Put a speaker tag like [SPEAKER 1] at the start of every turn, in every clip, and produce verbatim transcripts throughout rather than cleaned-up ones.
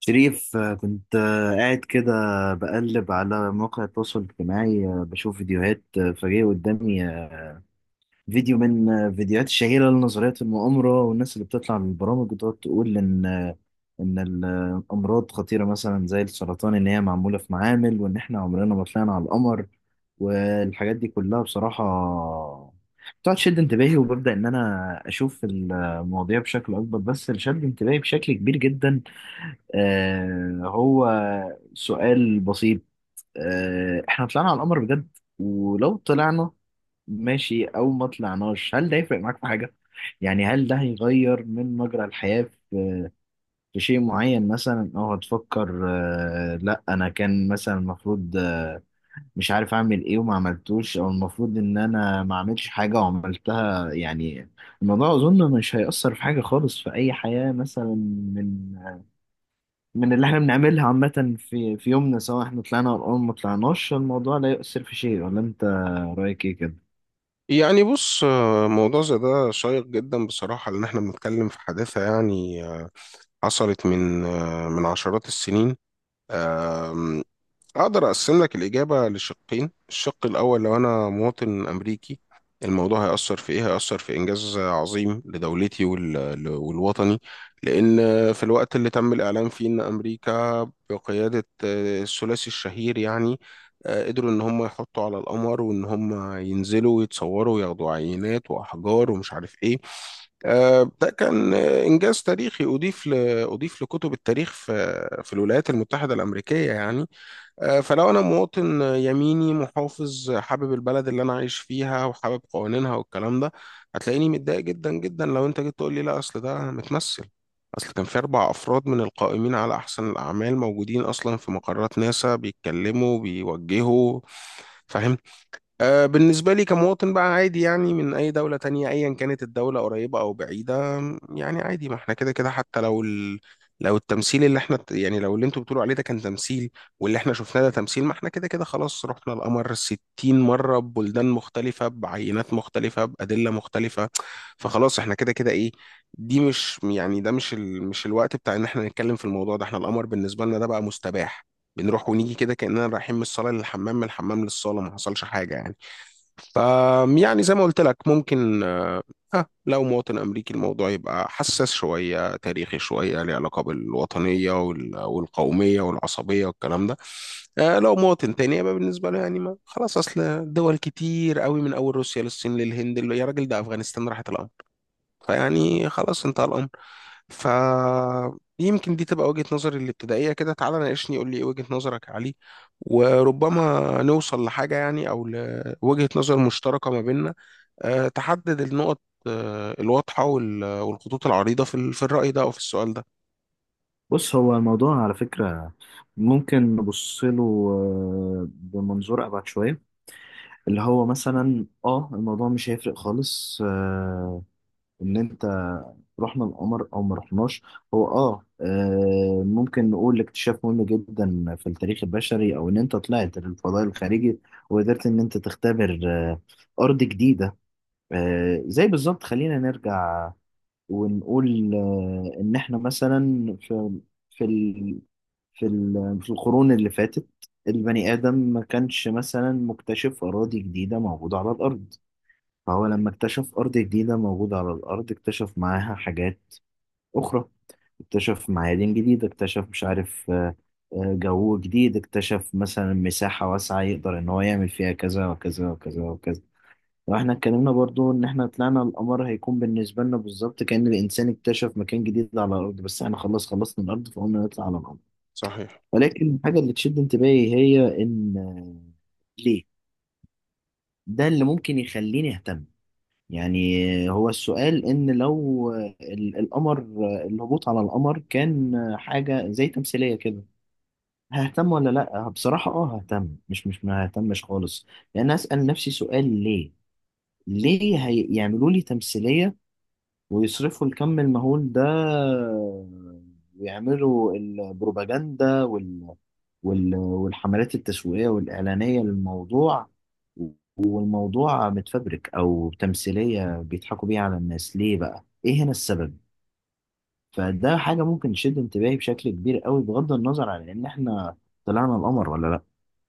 [SPEAKER 1] شريف، آه، كنت آه، قاعد كده بقلب على مواقع التواصل الاجتماعي، آه، بشوف فيديوهات، آه، فجأة قدامي فيديو من الفيديوهات الشهيرة لنظرية المؤامرة والناس اللي بتطلع من البرامج وتقعد تقول إن إن الأمراض خطيرة مثلا زي السرطان، إن هي معمولة في معامل وإن إحنا عمرنا ما طلعنا على القمر والحاجات دي كلها. بصراحة بتقعد تشد انتباهي وببدأ إن أنا أشوف المواضيع بشكل أكبر. بس اللي شد انتباهي بشكل كبير جدا آه هو سؤال بسيط: آه إحنا طلعنا على القمر بجد؟ ولو طلعنا ماشي او ما طلعناش، هل ده يفرق معاك في حاجه؟ يعني هل ده هيغير من مجرى الحياه في في شيء معين مثلا، او هتفكر آه، لا انا كان مثلا المفروض آه، مش عارف اعمل ايه وما عملتوش، او المفروض ان انا ما اعملش حاجه وعملتها؟ يعني الموضوع اظن مش هيأثر في حاجه خالص في اي حياه مثلا من من اللي احنا بنعملها عامه في في يومنا، سواء احنا طلعنا او ما طلعناش الموضوع لا يؤثر في شيء. ولا انت رايك ايه كده؟
[SPEAKER 2] يعني بص آه، موضوع زي ده شيق جدا بصراحة، لأن احنا بنتكلم في حادثة يعني آه، حصلت من آه، من عشرات السنين. أقدر أقسم لك الإجابة لشقين: الشق الأول، لو أنا مواطن أمريكي الموضوع هيأثر في إيه؟ هيأثر في إنجاز عظيم لدولتي وال... والوطني، لأن في الوقت اللي تم الإعلان فيه إن أمريكا بقيادة آه، الثلاثي الشهير يعني آه، قدروا إن هم يحطوا على القمر، وإن هم ينزلوا ويتصوروا وياخدوا عينات وأحجار ومش عارف إيه. آه، ده كان آه، إنجاز تاريخي أضيف ل... أضيف لكتب التاريخ في في الولايات المتحدة الأمريكية يعني. آه، فلو انا مواطن يميني محافظ حابب البلد اللي انا عايش فيها وحابب قوانينها والكلام ده، هتلاقيني متضايق جدا جدا لو انت جيت تقول لي لا، اصل ده متمثل، اصل كان في اربع افراد من القائمين على احسن الاعمال موجودين اصلا في مقرات ناسا بيتكلموا بيوجهوا. فاهم؟ آه، بالنسبة لي كمواطن بقى عادي يعني، من أي دولة تانية أيا كانت الدولة قريبة أو بعيدة، يعني عادي، ما احنا كده كده. حتى لو ال... لو التمثيل اللي احنا يعني، لو اللي انتوا بتقولوا عليه ده كان تمثيل، واللي احنا شفناه ده تمثيل، ما احنا كده كده خلاص رحنا القمر 60 مرة، ببلدان مختلفة بعينات مختلفة بأدلة مختلفة. فخلاص احنا كده كده ايه، دي مش يعني، ده مش ال... مش الوقت بتاع ان احنا نتكلم في الموضوع ده، احنا القمر بالنسبة لنا ده بقى مستباح، بنروح ونيجي كده كأننا رايحين من الصالة للحمام من الحمام للصالة، ما حصلش حاجة يعني. ف- يعني زي ما قلت لك، ممكن آه، لو مواطن أمريكي الموضوع يبقى حساس شوية تاريخي شوية ليه علاقة بالوطنية وال- والقومية والعصبية والكلام ده. آه، لو مواطن تاني يبقى بالنسبة له يعني ما خلاص، أصل دول كتير قوي من أول روسيا للصين للهند اللي- يا راجل ده أفغانستان راحت الأمر. فيعني خلاص انتهى الأمر. ف يمكن دي تبقى وجهة نظري الابتدائية كده، تعالى ناقشني قول لي ايه وجهة نظرك عليه، وربما نوصل لحاجة يعني أو لوجهة نظر مشتركة ما بيننا، آه، تحدد النقط آه، الواضحة وال- والخطوط العريضة في ال- في الرأي ده أو في السؤال ده.
[SPEAKER 1] بص، هو الموضوع على فكرة ممكن نبص له آه، بمنظور أبعد شوية، اللي هو مثلا اه الموضوع مش هيفرق خالص، آه، إن أنت رحنا القمر أو ما رحناش. هو اه، آه، ممكن نقول اكتشاف مهم جدا في التاريخ البشري، أو إن أنت طلعت للفضاء الخارجي وقدرت إن أنت تختبر آه، أرض جديدة، آه، زي بالظبط. خلينا نرجع ونقول آه، إن إحنا مثلا في في في ال- في القرون اللي فاتت البني آدم ما كانش مثلا مكتشف أراضي جديدة موجودة على الأرض، فهو لما اكتشف أرض جديدة موجودة على الأرض اكتشف معاها حاجات أخرى، اكتشف معادن جديدة، اكتشف مش عارف آه، آه، جو جديد، اكتشف مثلا مساحة واسعة يقدر إن هو يعمل فيها كذا وكذا وكذا وكذا. واحنا اتكلمنا برضو ان احنا طلعنا القمر هيكون بالنسبة لنا بالظبط كأن الانسان اكتشف مكان جديد على الارض، بس احنا خلاص خلصنا الارض فقلنا نطلع على القمر.
[SPEAKER 2] صحيح.
[SPEAKER 1] ولكن الحاجة اللي تشد انتباهي هي إن آه، ليه؟ ده اللي ممكن يخليني أهتم. يعني آه، هو السؤال إن لو آه، ال- القمر آه، الهبوط على القمر كان آه، حاجة زي تمثيلية كده، ههتم ولا لأ؟ بصراحة أه ههتم. مش مش ما ههتمش خالص، لأن أسأل نفسي سؤال: ليه؟ ليه هيعملوا لي تمثيلية ويصرفوا الكم المهول ده ويعملوا البروباجندا وال... وال... والحملات التسويقية والإعلانية للموضوع، والموضوع متفبرك أو تمثيلية بيضحكوا بيها على الناس؟ ليه بقى؟ إيه هنا السبب؟ فده حاجة ممكن تشد انتباهي بشكل كبير قوي، بغض النظر عن إن إحنا طلعنا القمر ولا لأ،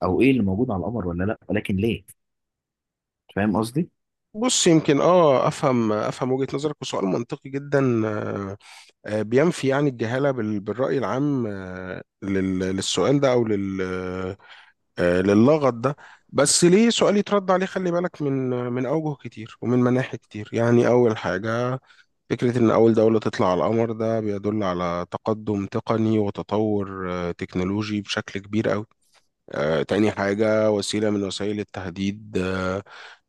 [SPEAKER 1] أو إيه اللي موجود على القمر ولا لأ، ولكن ليه؟ فاهم قصدي؟
[SPEAKER 2] بص يمكن اه افهم افهم وجهة نظرك، وسؤال منطقي جدا، آه، آه، بينفي يعني الجهالة بال- بالرأي العام آه، لل- للسؤال ده او لل آه، للغط ده. بس ليه سؤال يترد عليه، خلي بالك من من اوجه كتير ومن مناحي كتير يعني. اول حاجة، فكرة ان اول دولة تطلع على القمر ده بيدل على تقدم تقني وتطور آه، تكنولوجي بشكل كبير قوي. آه، تاني حاجة، وسيلة من وسائل التهديد آه،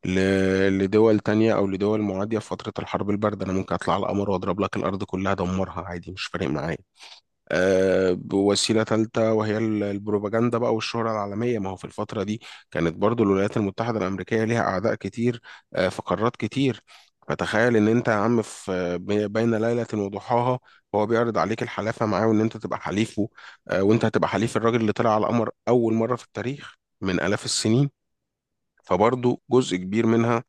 [SPEAKER 2] ل- لدول تانية أو لدول معادية في فترة الحرب الباردة، أنا ممكن أطلع على القمر وأضرب لك الأرض كلها أدمرها عادي مش فارق معايا. آه، بوسيلة ثالثة وهي ال- البروباجندا بقى والشهرة العالمية. ما هو في الفترة دي كانت برضو الولايات المتحدة الأمريكية ليها أعداء كتير آه، في قارات كتير. فتخيل إن أنت يا عم في آه، بي- بين ليلة وضحاها هو بيعرض عليك الحلافة معاه وإن أنت تبقى حليفه، آه، وأنت هتبقى حليف الراجل اللي طلع على القمر أول مرة في التاريخ من آلاف السنين. فبرضو جزء كبير منها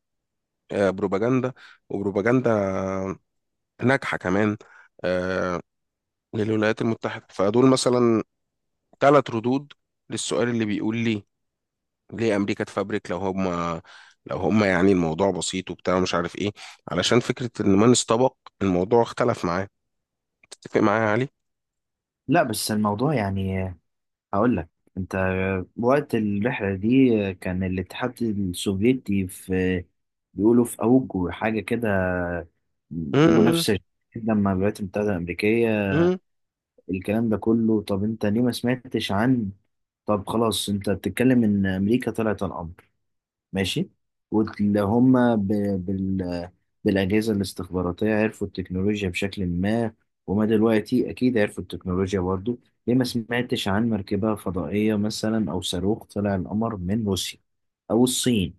[SPEAKER 2] آه، بروباجندا، وبروباجندا ناجحة كمان آه، للولايات المتحدة. فدول مثلا ثلاث ردود للسؤال اللي بيقول لي ليه امريكا تفبرك، لو هم لو هم يعني الموضوع بسيط وبتاع مش عارف ايه، علشان فكره ان من استبق الموضوع اختلف معاه. تتفق معايا يا علي؟
[SPEAKER 1] لا بس الموضوع يعني هقول لك، انت وقت الرحلة دي كان الاتحاد السوفيتي في، بيقولوا في اوج حاجة كده
[SPEAKER 2] امم.
[SPEAKER 1] منافسة جدا مع الولايات المتحدة الأمريكية.
[SPEAKER 2] امم.
[SPEAKER 1] الكلام ده كله، طب انت ليه ما سمعتش عن، طب خلاص انت بتتكلم ان امريكا طلعت على القمر ماشي، واللي هم ب... بال... بالأجهزة الاستخباراتية عرفوا التكنولوجيا بشكل ما، وما دلوقتي أكيد عرفوا التكنولوجيا برضو، ليه ما سمعتش عن مركبة فضائية مثلا أو صاروخ طلع القمر من روسيا أو الصين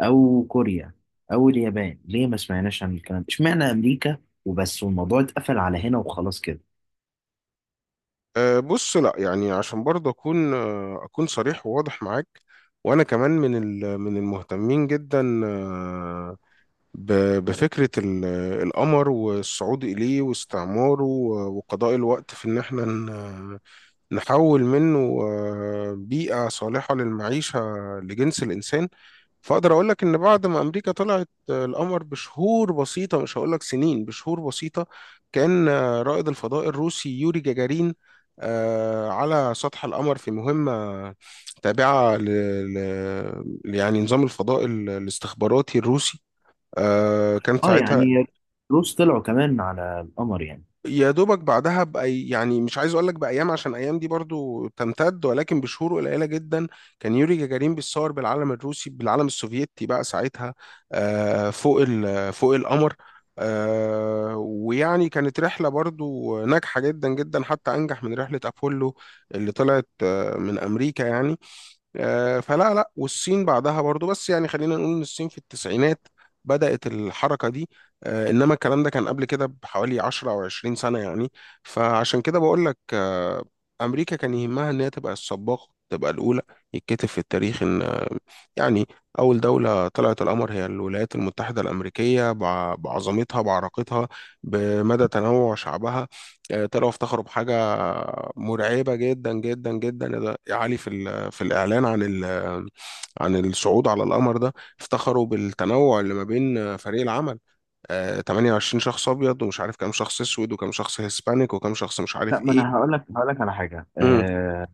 [SPEAKER 1] أو كوريا أو اليابان؟ ليه ما سمعناش عن الكلام ده؟ اشمعنى أمريكا وبس والموضوع اتقفل على هنا وخلاص كده؟
[SPEAKER 2] أه بص، لا يعني عشان برضه اكون آه، اكون صريح وواضح معاك. وانا كمان من ال- من المهتمين جدا آه، ب- بفكره ال- القمر والصعود اليه واستعماره و- وقضاء الوقت في ان احنا نحول منه آه، بيئة صالحة للمعيشة لجنس الإنسان. فأقدر أقول لك إن بعد ما أمريكا طلعت آه، القمر بشهور بسيطة، مش هقول لك سنين، بشهور بسيطة، كان آه، رائد الفضاء الروسي يوري جاجارين آه، على سطح القمر في مهمة تابعة ل... ل... يعني نظام الفضاء ال- الاستخباراتي الروسي. آه، كان
[SPEAKER 1] اه
[SPEAKER 2] ساعتها
[SPEAKER 1] يعني الروس طلعوا كمان على القمر يعني.
[SPEAKER 2] يا دوبك بعدها بأي، يعني مش عايز اقول لك بايام عشان ايام دي برضو تمتد، ولكن بشهور قليله جدا كان يوري جاجارين بيتصور بالعلم الروسي بالعلم السوفيتي بقى ساعتها آه، فوق ال- فوق القمر. آه، ويعني كانت رحله برضو ناجحه جدا جدا، حتى انجح من رحله ابولو اللي طلعت آه، من امريكا يعني. آه، فلا لا، والصين بعدها برضو، بس يعني خلينا نقول ان الصين في التسعينات بدأت الحركة دي. آه، انما الكلام ده كان قبل كده بحوالي عشر او عشرين سنة يعني. فعشان كده بقول لك آه، امريكا كان يهمها ان هي تبقى السباقة تبقى الاولى، يتكتب في التاريخ ان آه، يعني اول دولة طلعت القمر هي الولايات المتحدة الامريكية، بع- بعظمتها بعراقتها بمدى تنوع شعبها. آه، طلعوا افتخروا بحاجة مرعبة جدا جدا جدا يا علي في ال- في الإعلان عن ال- عن الصعود على القمر ده. افتخروا بالتنوع اللي ما بين فريق العمل، آه، 28 شخص أبيض ومش عارف كام شخص أسود وكام شخص هيسبانيك وكام شخص مش
[SPEAKER 1] لا،
[SPEAKER 2] عارف
[SPEAKER 1] ما انا هقول لك هقول لك على حاجه،
[SPEAKER 2] إيه.
[SPEAKER 1] آه،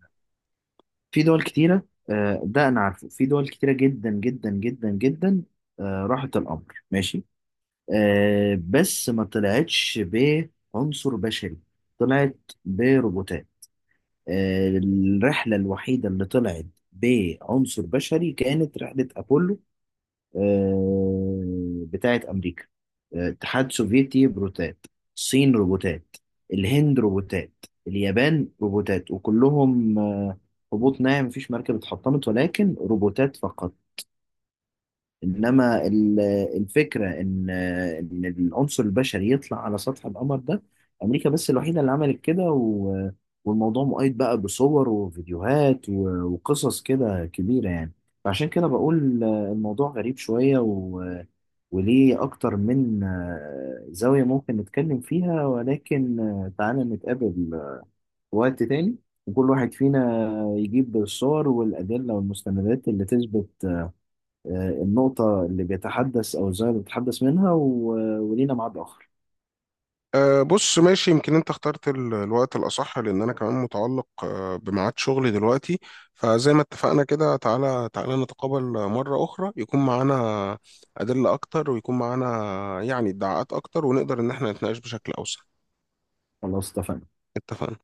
[SPEAKER 1] في دول كتيرة، آه، ده أنا عارفه، في دول كتيرة جدا جدا جدا جدا، آه، راحت الأمر ماشي، آه، بس ما طلعتش بعنصر بشري، طلعت بروبوتات. آه، الرحلة الوحيدة اللي طلعت بعنصر بشري كانت رحلة أبولو، آه، بتاعة أمريكا. آه، اتحاد سوفيتي روبوتات، الصين روبوتات، الهند روبوتات، اليابان روبوتات، وكلهم آه، هبوط ناعم، مفيش مركبة اتحطمت، ولكن روبوتات فقط. إنما ال- الفكرة إن آه، إن العنصر البشري يطلع على سطح القمر ده، أمريكا بس الوحيدة اللي عملت كده، و- والموضوع مؤيد بقى بصور وفيديوهات و- وقصص كده كبيرة يعني. فعشان كده بقول آه، الموضوع غريب شوية، و وليه أكتر من آه، زاوية ممكن نتكلم فيها، ولكن آه، تعالى نتقابل في وقت تاني، وكل واحد فينا يجيب الصور والأدلة والمستندات اللي تثبت آه، النقطة اللي بيتحدث أو الزاوية اللي بيتحدث منها، و- ولينا ميعاد آخر.
[SPEAKER 2] أه بص ماشي، يمكن انت اخترت ال- الوقت الأصح لأن أنا كمان متعلق آه، بميعاد شغلي دلوقتي. فزي ما اتفقنا كده، تعالى تعالى نتقابل مرة أخرى، يكون معانا أدلة أكتر ويكون معانا يعني ادعاءات أكتر، ونقدر إن احنا نتناقش بشكل أوسع.
[SPEAKER 1] خلاص اتفقنا.
[SPEAKER 2] اتفقنا.